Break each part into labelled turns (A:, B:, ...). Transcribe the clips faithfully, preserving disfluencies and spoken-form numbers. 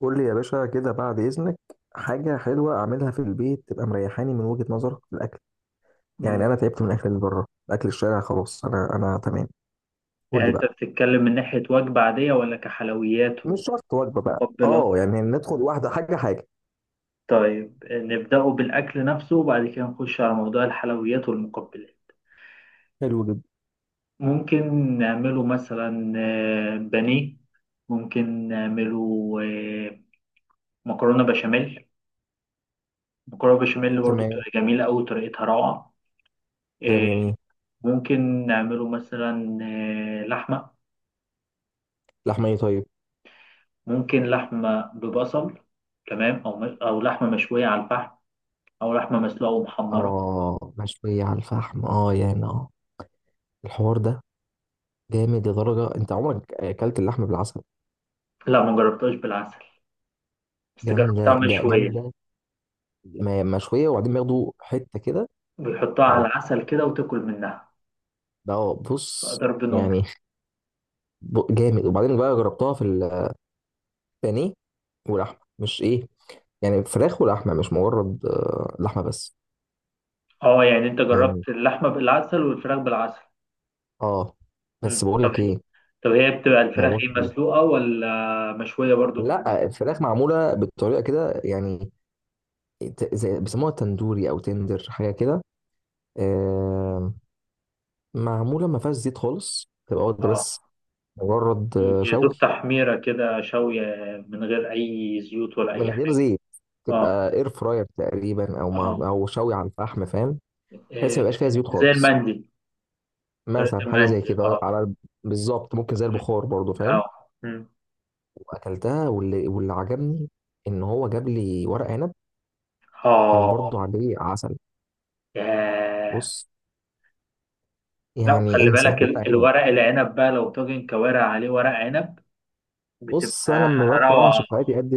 A: قول لي يا باشا كده بعد إذنك. حاجة حلوة أعملها في البيت تبقى مريحاني من وجهة نظرك في الأكل.
B: مم.
A: يعني أنا تعبت من الأكل اللي بره، أكل الشارع خلاص، أنا أنا تمام. قول
B: يعني
A: لي بقى.
B: انت بتتكلم من ناحية وجبة عادية ولا كحلويات
A: مش شرط وجبة بقى،
B: ومقبلات؟
A: أه يعني ندخل واحدة، حاجة حاجة.
B: طيب نبدأه بالأكل نفسه وبعد كده نخش على موضوع الحلويات والمقبلات.
A: حلو جدا.
B: ممكن نعمله مثلا آه، بانيه، ممكن نعمله آه، مكرونة بشاميل. مكرونة بشاميل برضو
A: تمام.
B: بتبقى جميلة أوي، طريقتها روعة.
A: كلام
B: آه،
A: جميل.
B: ممكن نعمله مثلا آه، لحمة.
A: لحمة، طيب.
B: ممكن لحمة ببصل، تمام. أو أو لحمة مشوية على الفحم، أو لحمة مسلوقة ومحمرة.
A: آه مشوية على الفحم، آه يعني آه الحوار ده جامد لدرجة. أنت عمرك أكلت اللحمة بالعسل؟
B: لا، ما جربتهاش بالعسل، بس جربتها
A: جامدة، جا-
B: مشوية.
A: جامدة. م- مشوية، وبعدين بياخدوا حتة كده
B: بيحطها
A: أو،
B: على العسل كده وتاكل منها،
A: ده
B: بقى
A: بص،
B: ضرب نار.
A: يعني ب- جامد. وبعدين بقى جربتها في البانيه، واللحمه مش ايه، يعني فراخ ولحمه، مش مجرد آه، لحمه بس.
B: اه، يعني انت
A: يعني
B: جربت اللحمة بالعسل والفراخ بالعسل؟
A: اه،
B: مم.
A: بس بقول
B: طب
A: لك
B: هي
A: ايه،
B: طب هي بتبقى الفراخ
A: موضوع
B: ايه،
A: كبير.
B: مسلوقة ولا مشوية برضو؟
A: لا الفراخ معموله بطريقه كده يعني، ت- زي بيسموها تندوري او تندر، حاجه كده.
B: مم.
A: آه. معموله ما فيهاش زيت خالص، تبقى واخده
B: اه،
A: بس مجرد آه،
B: يا دوب
A: شوي.
B: تحميرة كده شوية، من غير أي زيوت ولا
A: من
B: أي
A: غير
B: حاجة.
A: زيت.
B: اه.
A: تبقى اير فراير تقريبا، او مع،
B: اه.
A: او شوي على الفحم، فاهم؟ بحيث ما
B: إيه،
A: يبقاش فيها زيوت
B: زي
A: خالص.
B: المندي، طريقة
A: مثلا حاجه زي
B: المندي،
A: كده،
B: اه.
A: على بالظبط. ممكن زي
B: مم.
A: البخار برضو،
B: اه،
A: فاهم؟
B: مم.
A: واكلتها، واللي واللي عجبني ان هو جاب لي ورق عنب، كان
B: اه.
A: برضو عليه عسل.
B: ياه.
A: بص،
B: لا،
A: يعني
B: وخلي
A: انسى
B: بالك
A: ورق
B: ال-
A: عنب.
B: الورق العنب بقى، لو طاجن كوارع عليه ورق عنب
A: بص، انا
B: بتبقى
A: لما بكره
B: روعة.
A: شفاعتي قد،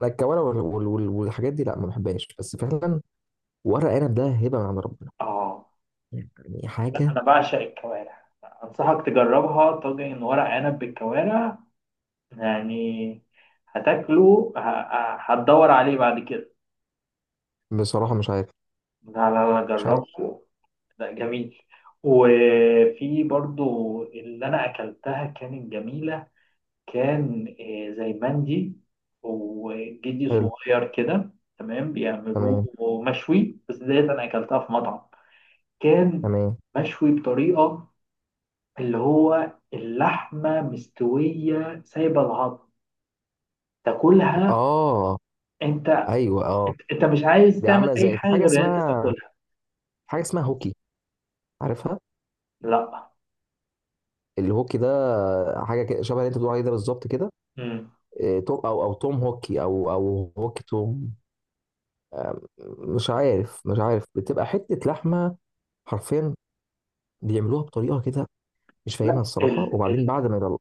A: لا الكوارع وال- وال- وال- والحاجات دي لا، ما بحبهاش. بس فعلا ورق عنب ده هبه من عند ربنا،
B: اه.
A: يعني
B: لا،
A: حاجه.
B: انا بعشق الكوارع، انصحك تجربها طاجن ورق عنب بالكوارع، يعني هتاكله ه- ه- هتدور عليه بعد كده.
A: بصراحه مش عارف
B: لا لا لا،
A: مش عارف
B: جربه. لا، جميل. وفي برضو اللي انا اكلتها كانت جميلة، كان آه، زي مندي وجدي
A: حلو.
B: صغير كده. تمام، بيعملوه
A: تمام.
B: مشوي. بس ديت انا اكلتها في مطعم، كان
A: تمام.
B: مشوي بطريقه، اللي هو اللحمه مستويه سايبه العظم، تاكلها.
A: اه.
B: انت
A: ايوه اه.
B: انت أنت مش عايز
A: دي
B: تعمل
A: عامله
B: اي
A: زي، في
B: حاجه
A: حاجه
B: غير ان انت
A: اسمها
B: تاكلها.
A: في حاجه اسمها هوكي، عارفها؟
B: لا.
A: الهوكي ده حاجه كده، شبه اللي انت بتقول عليه ده بالظبط كده.
B: مم.
A: إيه، توم، او او توم هوكي، او او هوكي توم. آم، مش عارف، مش عارف. بتبقى حته لحمه حرفيا، بيعملوها بطريقه كده مش
B: لا،
A: فاهمها الصراحه. وبعدين بعد ما يطلع،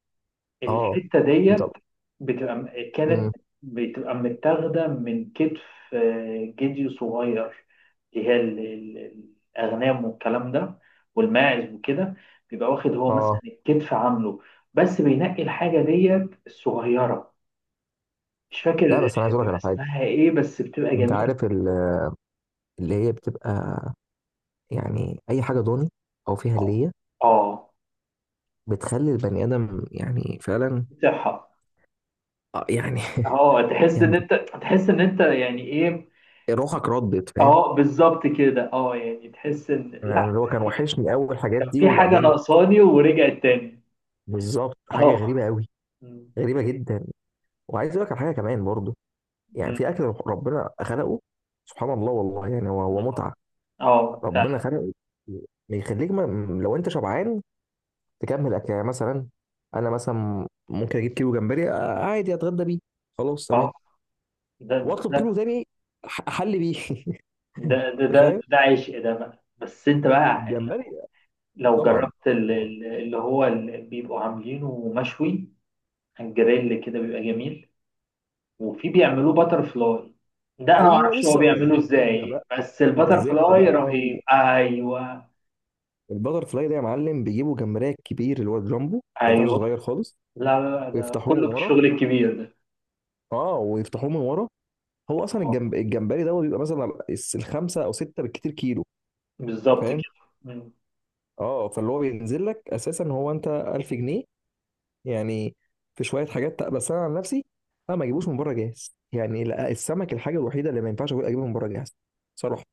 A: اه،
B: الحتة ديت
A: يطلع.
B: بتبقى م-
A: امم
B: كانت بتبقى متاخدة من كتف آه، جدي صغير، اللي هي ال- ال- الأغنام والكلام ده، والماعز وكده. بيبقى واخد هو مثلا
A: اه.
B: الكتف عامله، بس بينقي الحاجة ديت الصغيرة. مش
A: لا
B: فاكر
A: بس انا عايز اقول لك
B: بيبقى
A: على حاجه.
B: اسمها ايه، بس بتبقى
A: انت
B: جميلة.
A: عارف ال- اللي هي بتبقى، يعني اي حاجه ضاني او فيها
B: اه.
A: هليه،
B: اه،
A: بتخلي البني ادم يعني فعلا،
B: صحة.
A: آه، يعني
B: اه، تحس ان
A: جامده،
B: انت تحس ان انت يعني ايه.
A: روحك ردت، فاهم؟
B: اه، بالظبط كده. اه، يعني تحس ان
A: انا
B: لا،
A: أنا اللي هو كان وحشني اول، الحاجات
B: كان
A: دي
B: في حاجة
A: وبعدين.
B: ناقصاني ورجعت تاني.
A: بالظبط، حاجه
B: اهو.
A: غريبه قوي،
B: م-
A: غريبه جدا. وعايز اقول لك على حاجه كمان برضو. يعني
B: م-
A: في اكل ربنا خلقه، سبحان الله والله، يعني هو هو
B: والله.
A: متعه.
B: اه،
A: ربنا
B: فعلا.
A: خلقه يخليك ما، لو انت شبعان تكمل اكل. يعني مثلا انا مثلا ممكن اجيب كيلو جمبري آه، عادي، اتغدى بيه خلاص
B: اه.
A: تمام.
B: ده
A: واطلب
B: ده
A: كيلو تاني أح- احل بيه.
B: ده ده
A: انت
B: ده,
A: فاهم؟
B: ده عشق ده بقى. بس انت بقى
A: الجمبري،
B: لو
A: طبعا
B: جربت ال-
A: طبعا.
B: ال- اللي هو اللي بيبقوا عاملينه مشوي على الجريل كده، بيبقى جميل. وفي بيعملوه باتر فلاي، ده انا ما
A: ايوه
B: اعرفش هو
A: لسه اقول لك
B: بيعمله
A: بالزبده بقى،
B: ازاي، بس الباتر
A: بالزبده
B: فلاي
A: بقى.
B: رهيب. ايوه،
A: البتر فلاي ده يا معلم، بيجيبوا جمبريه كبير اللي هو الجامبو، ما ينفعش
B: ايوه.
A: صغير خالص.
B: لا لا لا، ده
A: ويفتحوه من
B: كله
A: ورا.
B: بالشغل الكبير ده.
A: اه ويفتحوه من ورا. هو اصلا
B: اه،
A: الجمب... الجمبري ده بيبقى مثلا الس- الخمسه او سته بالكتير كيلو. أنت
B: بالظبط
A: فاهم؟
B: كده.
A: اه، فاللي هو بينزل لك اساسا هو انت ألف جنيه يعني. في شويه حاجات بس انا عن نفسي انا ما اجيبوش من بره جاهز، يعني لا. السمك الحاجه الوحيده اللي ما ينفعش أقول اجيبه من بره جاهز، صراحه.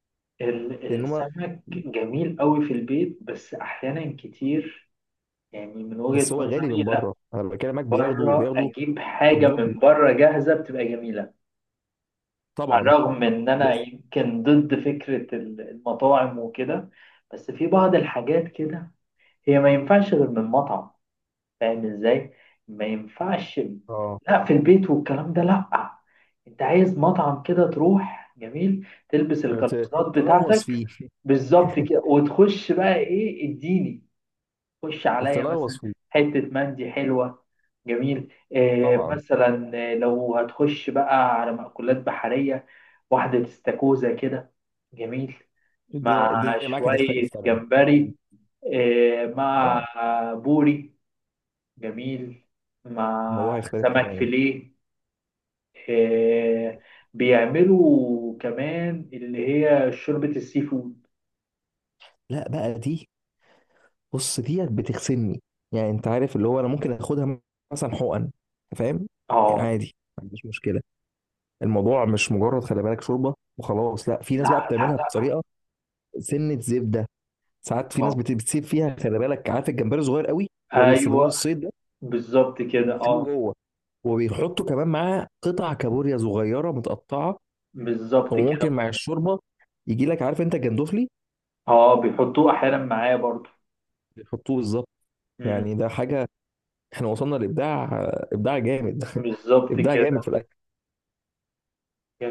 B: ال-
A: لان هما،
B: السمك جميل قوي في البيت، بس احيانا كتير يعني من وجهة
A: بس هو غالي
B: نظري
A: من
B: لا،
A: بره، انا بكلمك، بياخدوا
B: بره
A: بياخدوا
B: اجيب حاجة
A: الدبل
B: من بره جاهزة بتبقى جميلة. على
A: طبعا.
B: الرغم من ان انا
A: بس
B: يمكن ضد فكرة ال- المطاعم وكده، بس في بعض الحاجات كده هي ما ينفعش غير من مطعم، فاهم ازاي؟ ما ينفعش
A: اه،
B: لا، في البيت والكلام ده لا. انت عايز مطعم كده تروح جميل، تلبس
A: ت-
B: القفازات
A: تلغوص
B: بتاعتك.
A: فيه.
B: بالظبط كده، وتخش بقى ايه، اديني. خش عليا
A: تلغوص
B: مثلا
A: فيه
B: حتة مندي حلوة، جميل. إيه
A: طبعا.
B: مثلا، آه، لو هتخش بقى على مأكولات بحرية، واحدة استاكوزا كده، جميل.
A: الدنيا
B: مع
A: الدنيا معاك
B: شوية
A: هتختلف طبعا أكيد.
B: جمبري، إيه، مع
A: اه،
B: بوري، جميل. مع
A: الموضوع هيختلف
B: سمك
A: تماما.
B: فيليه. آه بيعملوا كمان اللي هي شوربة السي فود.
A: لا بقى دي، بص ديت بتغسلني. يعني انت عارف اللي هو انا ممكن اخدها مثلا حقن، فاهم؟ يعني
B: اه.
A: عادي ما عنديش مشكله. الموضوع مش مجرد خلي بالك شوربه وخلاص لا، في
B: لا
A: ناس بقى
B: لا
A: بتعملها
B: لا.
A: بطريقه سنه زبده. ساعات في ناس
B: اه،
A: بت- بتسيب فيها، خلي بالك عارف الجمبري صغير قوي لو يستخدموه
B: ايوه،
A: للصيد،
B: بالظبط كده.
A: بيسيبوه
B: اه،
A: جوه. وبيحطوا كمان معاه قطع كابوريا صغيره متقطعه.
B: بالظبط
A: وممكن
B: كده.
A: مع الشوربه يجي لك، عارف انت جندوفلي؟
B: اه، بيحطوه احيانا معاه برضو.
A: بيحطوه بالظبط.
B: مم.
A: يعني ده حاجه، احنا وصلنا لابداع، ابداع جامد.
B: بالظبط
A: ابداع جامد
B: كده.
A: في الاكل.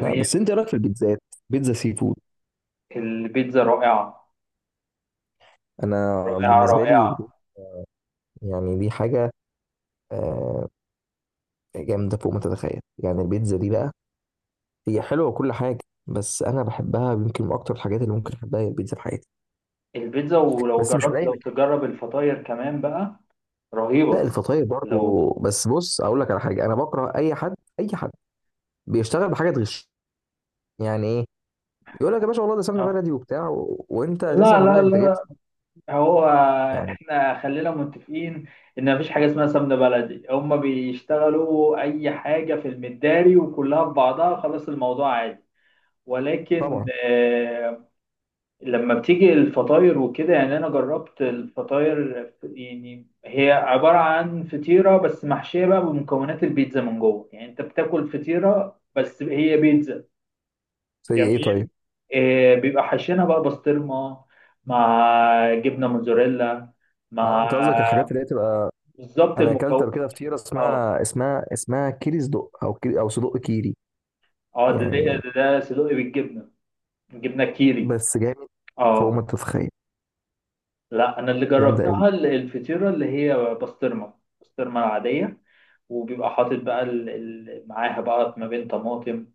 A: لا بس انت إيه رايك في البيتزات؟ بيتزا سي فود،
B: البيتزا رائعة،
A: انا
B: رائعة
A: بالنسبه
B: رائعة.
A: لي يعني دي حاجه آه، جامده فوق ما تتخيل. يعني البيتزا دي بقى هي حلوه وكل حاجه، بس انا بحبها يمكن من اكتر الحاجات اللي ممكن احبها هي البيتزا في حياتي.
B: البيتزا، ولو
A: بس مش من
B: جربت،
A: اي
B: لو
A: مكان.
B: تجرب الفطاير كمان بقى،
A: لا
B: رهيبة.
A: الفطاير
B: لو
A: برضه، بس بص اقول لك على حاجه. انا بكره اي حد، اي حد بيشتغل بحاجه تغش. يعني ايه؟ يقول لك يا باشا والله ده سمنه
B: آه.
A: بلدي وبتاع و... وانت
B: لا
A: اساسا لا،
B: لا
A: انت جايب
B: لا،
A: سمنة
B: هو
A: يعني،
B: احنا خلينا متفقين ان مفيش حاجه اسمها سمنه بلدي، هما بيشتغلوا اي حاجه في المداري وكلها في بعضها، خلاص الموضوع عادي. ولكن
A: طبعا.
B: آه، لما بتيجي الفطاير وكده، يعني انا جربت الفطاير، يعني هي عباره عن فطيره بس محشيه بقى بمكونات البيتزا من جوه، يعني انت بتاكل فطيره بس هي بيتزا.
A: زي ايه طيب؟
B: جميل. آه، بيبقى حاشينها بقى بسطرمة، مع جبنة موتزاريلا،
A: اه
B: مع
A: انت قصدك الحاجات اللي هي تبقى،
B: بالظبط
A: انا اكلت
B: المكون.
A: قبل كده فطيره
B: اه.
A: اسمها اسمها اسمها كيري صدق، او كيري، او صدق كيري،
B: اه. ده ده
A: يعني.
B: ده, ده صدقي بالجبنة، جبنة كيري.
A: بس جامد فوق
B: اه.
A: ما تتخيل،
B: لا، انا اللي
A: جامده قوي.
B: جربتها ال- الفطيرة اللي هي بسطرمة، بسطرمة العادية. وبيبقى حاطط بقى ال... ال... معاها بقى ما بين طماطم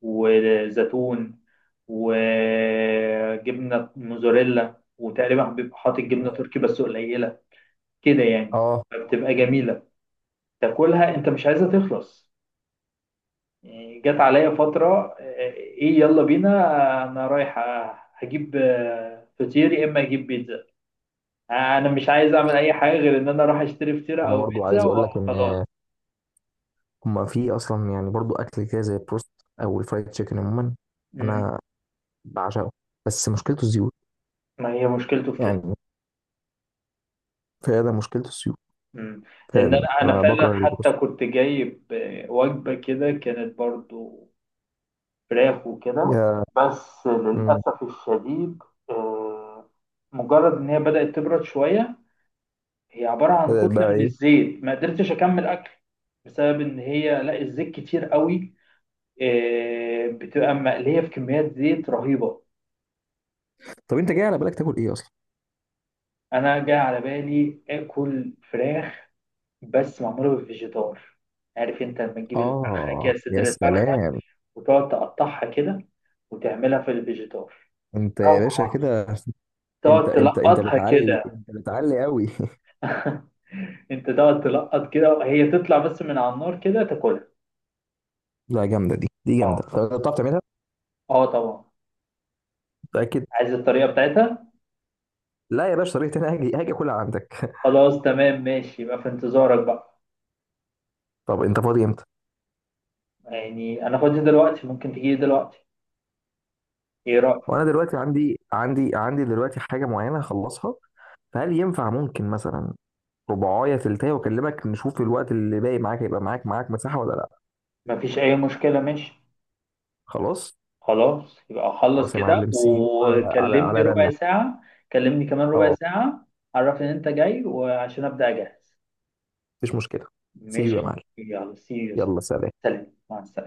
B: وزيتون وجبنة موزاريلا، وتقريبا بيبقى حاطط جبنة تركي بس قليلة كده يعني،
A: اه
B: فبتبقى جميلة. تاكلها انت مش عايزها تخلص. يعني جت عليا فترة آه، ايه يلا بينا، آه، انا رايح، آه، هجيب آه، فطير يا اما اجيب بيتزا. آه، انا مش عايز اعمل اي حاجة غير ان انا اروح اشتري فطيرة
A: انا
B: او
A: برضو
B: بيتزا
A: عايز اقول لك ان
B: وخلاص.
A: هما في اصلا، يعني برضو اكل كده زي البروست او الفرايد تشيكن عموما،
B: مم.
A: انا بعشقه. بس مشكلته الزيوت،
B: ما هي مشكلته في كده.
A: يعني فعلا مشكلته الزيوت.
B: مم. لان
A: فعلا
B: انا انا
A: انا
B: فعلا
A: بكره
B: حتى
A: البروست
B: كنت جايب آه، وجبة كده، كانت برضو فراخ وكده.
A: يا،
B: بس
A: مم.
B: للأسف الشديد آه، مجرد ان هي بدأت تبرد شوية، هي عبارة عن
A: بدأت
B: كتلة
A: بقى
B: من
A: ايه؟
B: الزيت، ما قدرتش أكمل أكل بسبب إن هي لا الزيت كتير قوي، آه، بتبقى مقلية في كميات زيت رهيبة.
A: طب انت جاي على بالك تاكل ايه اصلا؟
B: أنا جاي على بالي آكل فراخ، بس معمولة بالفيجيتار. عارف أنت لما تجيب الفرخة
A: اه
B: كده،
A: يا
B: صدر الفرخة،
A: سلام.
B: وتقعد تقطعها كده، وتعملها في الفيجيتار،
A: انت يا باشا
B: روعة.
A: كده، انت
B: تقعد
A: انت انت
B: تلقطها
A: بتعلي،
B: كده.
A: انت بتعلي قوي.
B: أنت تقعد تلقط كده، هي تطلع بس من على النار كده تاكلها.
A: لا جامده دي، دي
B: أه.
A: جامده. طب بتعرف تعملها؟
B: أه، طبعا.
A: متاكد؟
B: عايز الطريقة بتاعتها؟
A: لا يا باشا، طريقتي انا، هاجي هاجي اكلها عندك.
B: خلاص، تمام، ماشي، يبقى في انتظارك بقى.
A: طب انت فاضي امتى؟
B: يعني انا فاضي دلوقتي، ممكن تجيلي دلوقتي، ايه رأيك؟
A: وانا دلوقتي عندي عندي عندي دلوقتي حاجه معينه هخلصها، فهل ينفع ممكن مثلا رباعية تلتاية واكلمك، نشوف الوقت اللي باقي معاك هيبقى معاك، معاك مساحة ولا لا؟
B: مفيش اي مشكلة، ماشي.
A: خلاص.
B: خلاص، يبقى اخلص
A: خلاص يا
B: كده
A: معلم، سي يو على على
B: وكلمني
A: على
B: ربع
A: رنة.
B: ساعة. كلمني كمان ربع
A: اه
B: ساعة، عرف ان انت جاي وعشان ابدأ اجهز.
A: مفيش مشكلة. سي يو يا
B: ماشي،
A: معلم،
B: يلا، سي يو.
A: يلا سلام.
B: سلام، مع السلامة.